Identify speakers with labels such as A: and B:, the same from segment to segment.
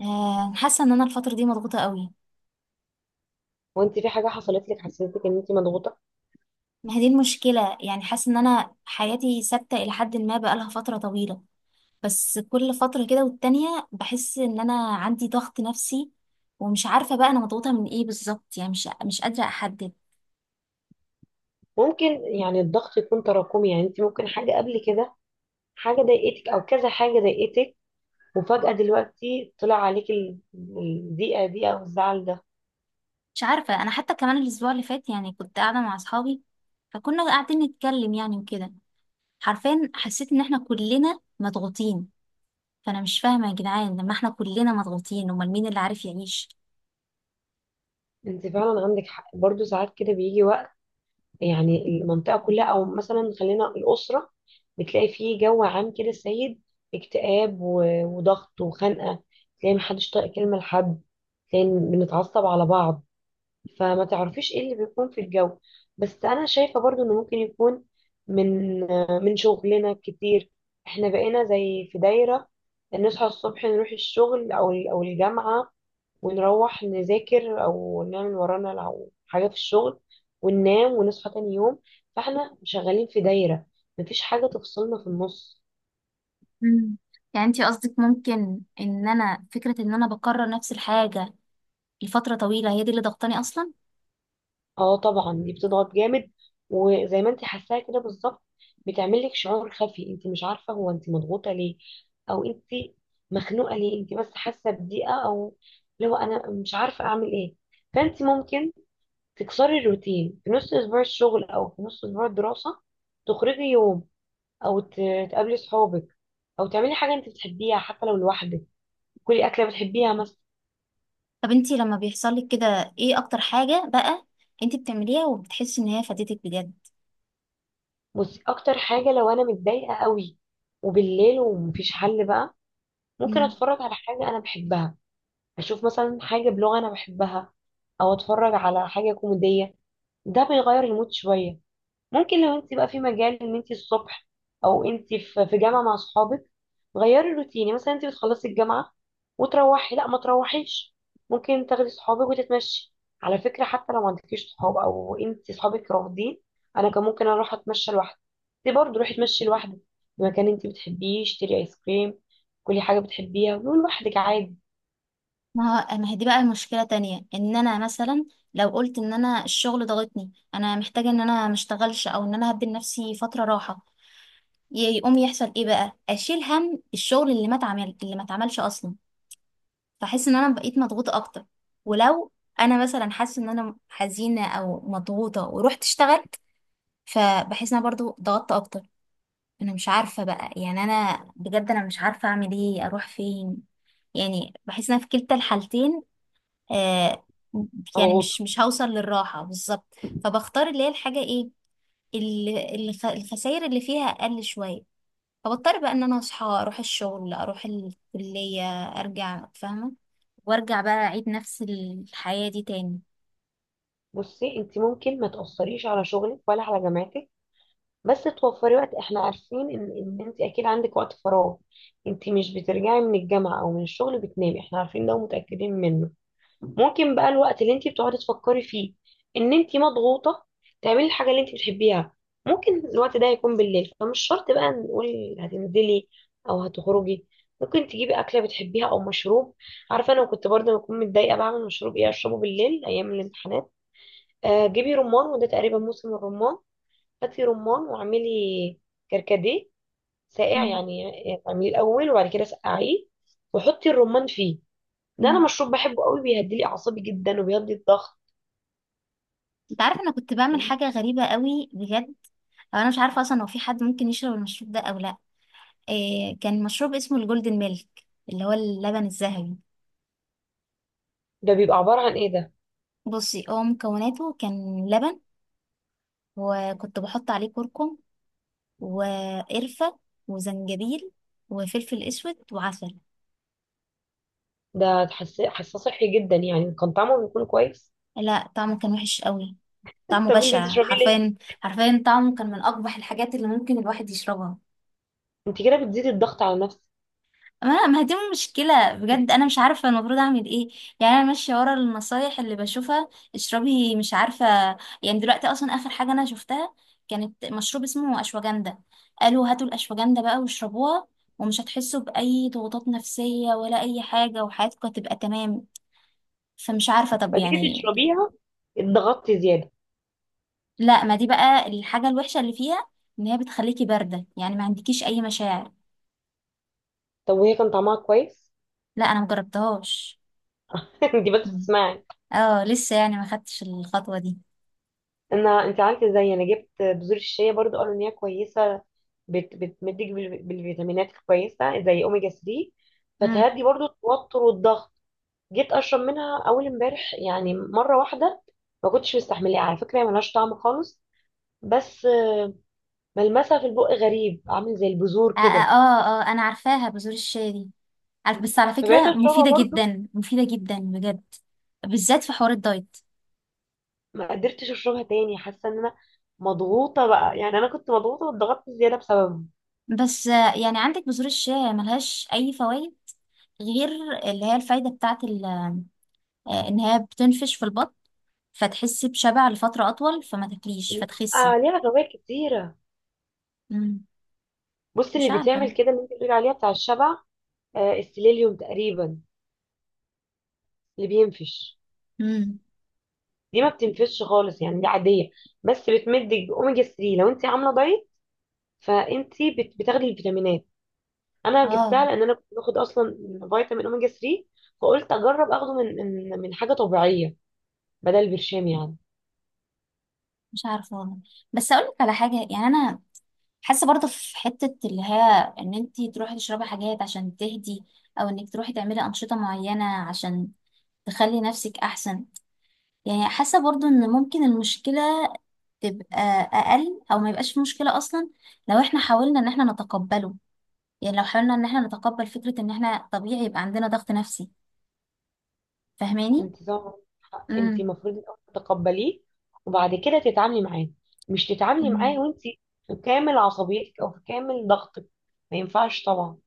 A: آه، حاسه ان انا الفتره دي مضغوطه قوي.
B: وانت في حاجة حصلت لك حسيتك ان انت مضغوطة؟
A: ما هي دي المشكله، يعني حاسه ان انا حياتي ثابته الى حد ما بقالها فتره طويله. بس كل فتره كده والتانية بحس ان انا عندي ضغط نفسي. ومش عارفه بقى انا مضغوطه من ايه بالظبط، يعني مش قادره احدد.
B: ممكن، يعني الضغط يكون تراكمي. يعني انت ممكن حاجة قبل كده، حاجة ضايقتك او كذا حاجة ضايقتك، وفجأة دلوقتي طلع عليك الضيقة دي او الزعل ده.
A: مش عارفه، انا حتى كمان الاسبوع اللي فات يعني كنت قاعده مع اصحابي، فكنا قاعدين نتكلم يعني وكده. حرفيا حسيت ان احنا كلنا مضغوطين. فانا مش فاهمه يا جدعان، لما احنا كلنا مضغوطين امال مين اللي عارف يعيش؟
B: انت فعلا عندك حق، برضو ساعات كده بيجي وقت يعني المنطقة كلها، او مثلا خلينا الأسرة، بتلاقي فيه جو عام كده سيد اكتئاب وضغط وخنقة، تلاقي محدش طايق كلمة لحد، تلاقي بنتعصب على بعض، فما تعرفيش ايه اللي بيكون في الجو. بس انا شايفة برضو انه ممكن يكون من من شغلنا كتير، احنا بقينا زي في دايرة، نصحى الصبح نروح الشغل او الجامعة، ونروح نذاكر او نعمل ورانا لو حاجة في الشغل، وننام ونصحى تاني يوم. فاحنا شغالين في دايرة، مفيش حاجة تفصلنا في النص.
A: مم. يعني انتي قصدك ممكن ان انا فكرة ان انا بكرر نفس الحاجة لفترة طويلة هي دي اللي ضغطاني اصلا؟
B: اه طبعا دي بتضغط جامد، وزي ما انت حاساها كده بالظبط، بتعمل لك شعور خفي، انت مش عارفه هو انت مضغوطه ليه او انت مخنوقه ليه، انت بس حاسه بضيقه، او لو انا مش عارفه اعمل ايه فانت ممكن تكسري الروتين في نص اسبوع الشغل او في نص اسبوع الدراسه، تخرجي يوم، او تقابلي صحابك، او تعملي حاجه انت بتحبيها حتى لو لوحدك، كلي اكله بتحبيها مثلا.
A: طب انتي لما بيحصل لك كده ايه اكتر حاجة بقى انتي بتعمليها وبتحسي ان هي فاتتك بجد؟
B: بصي، اكتر حاجه لو انا متضايقه قوي وبالليل ومفيش حل بقى، ممكن
A: مم.
B: اتفرج على حاجة انا بحبها، اشوف مثلا حاجة بلغة انا بحبها، او اتفرج على حاجة كوميدية، ده بيغير المود شوية. ممكن لو انت بقى في مجال ان انت الصبح او انت في جامعه مع اصحابك، غيري الروتين، يعني مثلا انت بتخلصي الجامعه وتروحي، لا، ما تروحيش، ممكن تاخدي صحابك وتتمشي. على فكره، حتى لو ما عندكيش صحاب او انت صحابك رافضين، انا كان ممكن اروح اتمشى لوحدي، انت برضه روحي اتمشي لوحدك في مكان انت بتحبيه، اشتري ايس كريم، كلي حاجه بتحبيها ولوحدك عادي.
A: ما ما هي دي بقى مشكلة تانية، ان انا مثلا لو قلت ان انا الشغل ضغطني انا محتاجة ان انا مشتغلش او ان انا هدي لنفسي فترة راحة، يقوم يحصل ايه بقى؟ اشيل هم الشغل اللي ما اتعمل اللي ما اتعملش اصلا. بحس ان انا بقيت مضغوطة اكتر. ولو انا مثلا حاسة ان انا حزينة او مضغوطة ورحت اشتغلت فبحس ان انا برضو ضغطت اكتر. انا مش عارفة بقى، يعني انا بجد انا مش عارفة اعمل ايه اروح فين. يعني بحس ان انا في كلتا الحالتين آه، يعني
B: مضغوطه.
A: مش هوصل للراحة بالظبط. فبختار اللي هي الحاجة ايه، اللي الخسائر اللي فيها اقل شوية. فبضطر بقى ان انا اصحى اروح الشغل اروح الكلية، ارجع فاهمة وارجع بقى اعيد نفس الحياة دي تاني.
B: بصي، انت ممكن ما تاثريش على شغلك ولا على جامعتك، بس توفري وقت، احنا عارفين ان انت اكيد عندك وقت فراغ، انت مش بترجعي من الجامعه او من الشغل بتنامي، احنا عارفين ده ومتاكدين منه. ممكن بقى الوقت اللي انت بتقعدي تفكري فيه ان انت مضغوطه، تعملي الحاجه اللي انت بتحبيها. ممكن الوقت ده يكون بالليل، فمش شرط بقى نقول هتنزلي او هتخرجي، ممكن تجيبي اكله بتحبيها او مشروب. عارفه، انا كنت برضه بكون متضايقه، بعمل مشروب ايه اشربه بالليل ايام الامتحانات؟ آه، جيبي رمان، وده تقريبا موسم الرمان، هاتي رمان واعملي كركديه ساقع
A: مم.
B: يعني، اعمليه الاول وبعد كده سقعيه، وحطي الرمان فيه. ده
A: مم.
B: انا مشروب بحبه قوي، بيهدي لي اعصابي جدا وبيهدي الضغط.
A: انت عارف انا كنت بعمل حاجه غريبه قوي بجد. أو انا مش عارفه اصلا هو في حد ممكن يشرب المشروب ده او لا. إيه كان مشروب اسمه الجولدن ميلك اللي هو اللبن الذهبي.
B: ده بيبقى عباره عن ايه ده؟
A: بصي هو مكوناته كان لبن، وكنت بحط عليه كركم وقرفه وزنجبيل وفلفل اسود وعسل.
B: ده حساسه صحي جدا، يعني كان طعمه بيكون كويس؟
A: لا طعمه كان وحش قوي، طعمه
B: طب انت
A: بشع
B: بتشربيه ليه؟
A: حرفيا. حرفيا طعمه كان من اقبح الحاجات اللي ممكن الواحد يشربها.
B: انت كده بتزيدي الضغط على نفسك.
A: ما هي دي مشكلة بجد، أنا مش عارفة المفروض أعمل إيه. يعني أنا ماشية ورا النصايح اللي بشوفها. اشربي مش عارفة. يعني دلوقتي أصلا آخر حاجة أنا شفتها كانت مشروب اسمه أشواجندا، قالوا هاتوا الأشواجندا بقى واشربوها ومش هتحسوا بأي ضغوطات نفسية ولا أي حاجة وحياتكم هتبقى تمام. فمش عارفة طب
B: فجيتي
A: يعني.
B: تشربيها اتضغطتي زياده؟
A: لا، ما دي بقى الحاجة الوحشة اللي فيها، إن هي بتخليكي باردة يعني ما عندكيش أي مشاعر.
B: طب وهي كان طعمها كويس؟
A: لا أنا مجربتهاش.
B: انت بس
A: مم.
B: تسمعي.
A: اه، لسه يعني ما خدتش الخطوة دي.
B: انا، انت عارفه ازاي انا جبت بذور الشيا برضو؟ قالوا ان هي كويسه، بتمدك بالفيتامينات كويسه زي اوميجا 3،
A: مم.
B: فتهدي برضو التوتر والضغط. جيت اشرب منها اول امبارح يعني مره واحده، ما كنتش مستحملها، على فكره هي ملهاش طعم خالص، بس ملمسها في البق غريب، عامل زي البذور
A: اه، اه،
B: كده،
A: انا عارفاها بذور الشيا دي. عارف، بس على
B: فبقيت
A: فكرة
B: اشربها
A: مفيدة
B: برضو،
A: جدا مفيدة جدا بجد، بالذات في حوار الدايت.
B: ما قدرتش اشربها تاني، حاسه ان انا مضغوطه بقى، يعني انا كنت مضغوطه واتضغطت زياده بسببها.
A: بس يعني عندك بذور الشيا ملهاش اي فوائد غير اللي هي الفايدة بتاعت ان هي بتنفش في البطن فتحسي بشبع لفترة اطول فما تاكليش
B: لا.
A: فتخسي.
B: آه، ليها فوائد كتيره.
A: مم.
B: بص،
A: مش
B: اللي
A: عارفة.
B: بتعمل كده اللي انت بتقول عليها بتاع الشبع، آه السيليليوم تقريبا، اللي بينفش،
A: مم.
B: دي ما بتنفش خالص، يعني دي عاديه، بس بتمدك باوميجا 3 لو انت عامله دايت، فانت بتاخدي الفيتامينات. انا جبتها
A: اه،
B: لان انا كنت باخد اصلا فيتامين اوميجا 3، فقلت اجرب اخده من حاجه طبيعيه، بدل برشام يعني.
A: مش عارفة والله. بس اقولك على حاجة، يعني انا حاسه برضه في حته اللي هي ان انت تروحي تشربي حاجات عشان تهدي، او انك تروحي تعملي انشطه معينه عشان تخلي نفسك احسن. يعني حاسه برضه ان ممكن المشكله تبقى اقل او ما يبقاش في مشكله اصلا لو احنا حاولنا ان احنا نتقبله. يعني لو حاولنا ان احنا نتقبل فكره ان احنا طبيعي يبقى عندنا ضغط نفسي، فاهماني؟
B: انت طبعاً، انت
A: امم
B: المفروض الاول تتقبليه، وبعد كده تتعاملي معاه، مش تتعاملي
A: مم.
B: معاه وانت في كامل عصبيتك او في كامل ضغطك، ما ينفعش طبعا.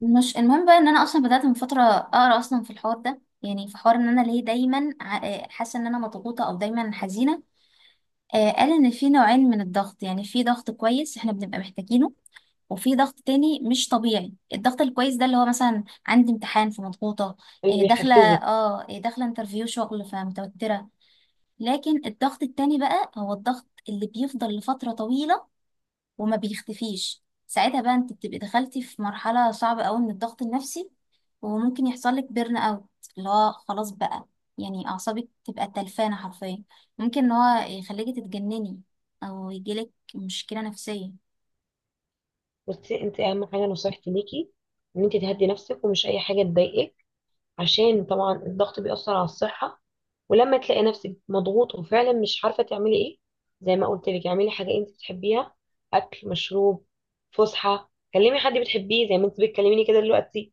A: مش المهم بقى ان انا اصلا بدات من فتره اقرا اصلا في الحوار ده، يعني في حوار ان انا ليه دايما حاسه ان انا مضغوطه او دايما حزينه. قال إن في نوعين من الضغط، يعني في ضغط كويس احنا بنبقى محتاجينه وفي ضغط تاني مش طبيعي. الضغط الكويس ده اللي هو مثلا عندي امتحان فمضغوطة،
B: اللي
A: آه، داخلة
B: بيحفزك.
A: اه آه، داخلة انترفيو شغل فمتوترة. لكن الضغط التاني بقى هو الضغط اللي بيفضل لفترة طويلة وما بيختفيش، ساعتها بقى انت بتبقي دخلتي في مرحلة صعبة قوي من الضغط النفسي وممكن يحصل لك بيرن اوت، اللي هو خلاص بقى يعني اعصابك تبقى تلفانة حرفيا. ممكن ان هو يخليكي تتجنني او يجيلك مشكلة نفسية.
B: بصي، انت اهم حاجه نصيحتي ليكي، ان انت تهدي نفسك ومش اي حاجه تضايقك، عشان طبعا الضغط بيأثر على الصحه. ولما تلاقي نفسك مضغوط وفعلا مش عارفه تعملي ايه، زي ما قلت لك اعملي حاجه انت بتحبيها، اكل، مشروب، فسحه، كلمي حد بتحبيه زي ما انت بتكلميني كده دلوقتي.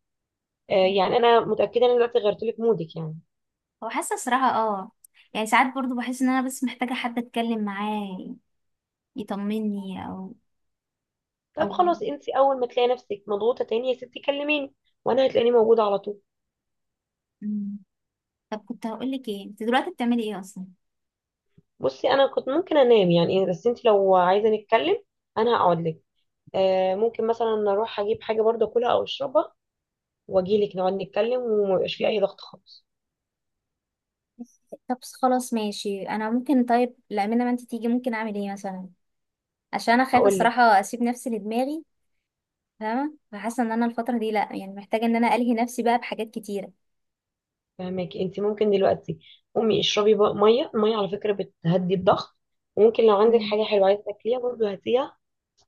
B: آه، يعني انا متاكده ان انا دلوقتي غيرت لك مودك يعني.
A: هو حاسة صراحة اه. يعني ساعات برضو بحس ان انا بس محتاجة حد اتكلم معاه يطمني، او
B: طب
A: او
B: خلاص، انت اول ما تلاقي نفسك مضغوطه تاني يا ستي كلميني، وانا هتلاقيني موجوده على طول.
A: مم. طب كنت هقولك ايه، انت دلوقتي بتعملي ايه اصلا؟
B: بصي، انا كنت ممكن انام يعني إيه، بس انت لو عايزه نتكلم انا هقعد لك. آه ممكن مثلا اروح اجيب حاجه برضه اكلها او اشربها، واجي لك نقعد نتكلم، وما يبقاش في اي ضغط خالص.
A: طب خلاص ماشي، انا ممكن طيب لا ما انت تيجي ممكن اعمل ايه مثلا؟ عشان انا خايفه
B: هقول لك.
A: الصراحه اسيب نفسي لدماغي، فاهمه، فحاسه ان انا الفتره دي لا يعني محتاجه ان انا الهي نفسي بقى بحاجات كتيره.
B: فهماكي، انت ممكن دلوقتي قومي اشربي ميه، الميه على فكره بتهدي الضغط، وممكن لو عندك
A: مم.
B: حاجه حلوه عايزه تاكليها برضه هاتيها،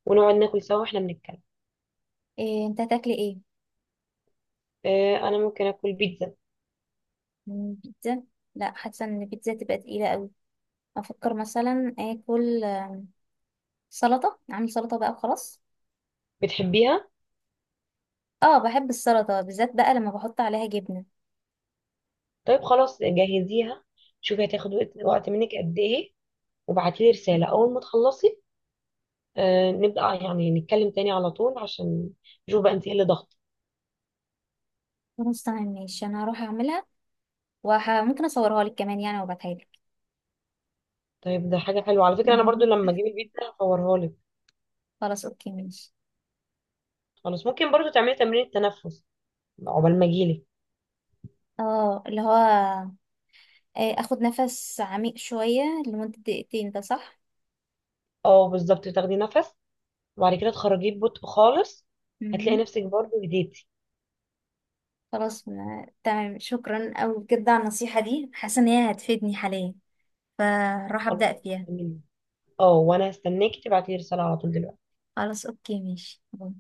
B: ونقعد ناكل سوا واحنا بنتكلم.
A: إيه انت هتاكلي ايه؟
B: آه، انا ممكن اكل بيتزا.
A: مم، بيتزا. لا حاسه ان البيتزا تبقى تقيله قوي. افكر مثلا اكل سلطه، اعمل سلطه بقى وخلاص.
B: بتحبيها؟
A: اه بحب السلطه، بالذات بقى لما بحط عليها جبنه.
B: طيب خلاص جهزيها، شوفي هتاخد وقت منك قد ايه، وابعتيلي رساله اول ما تخلصي، نبقى يعني نتكلم تاني على طول عشان نشوف بقى انت ايه اللي ضغط.
A: خلاص تمام ماشي، انا هروح اعملها وممكن اصورها لك كمان يعني وابعتها لك.
B: طيب ده حاجة حلوة، على فكرة انا برضو لما اجيب البيتزا هصورها لك.
A: خلاص اوكي ماشي.
B: خلاص، ممكن برضو تعملي تمرين التنفس عقبال ما اجيلك.
A: اه اللي هو اخد نفس عميق شويه لمده دقيقتين ده صح؟
B: اه بالظبط، تاخدي نفس وبعد كده تخرجيه ببطء خالص، هتلاقي
A: مم.
B: نفسك برضو هديتي.
A: خلاص تمام، شكرا أوي بجد على النصيحة دي، حاسة إن هي هتفيدني حاليا فراح
B: خلاص،
A: أبدأ فيها.
B: اه وانا هستناكي تبعتي لي رسالة على طول دلوقتي
A: خلاص أوكي ماشي، باي.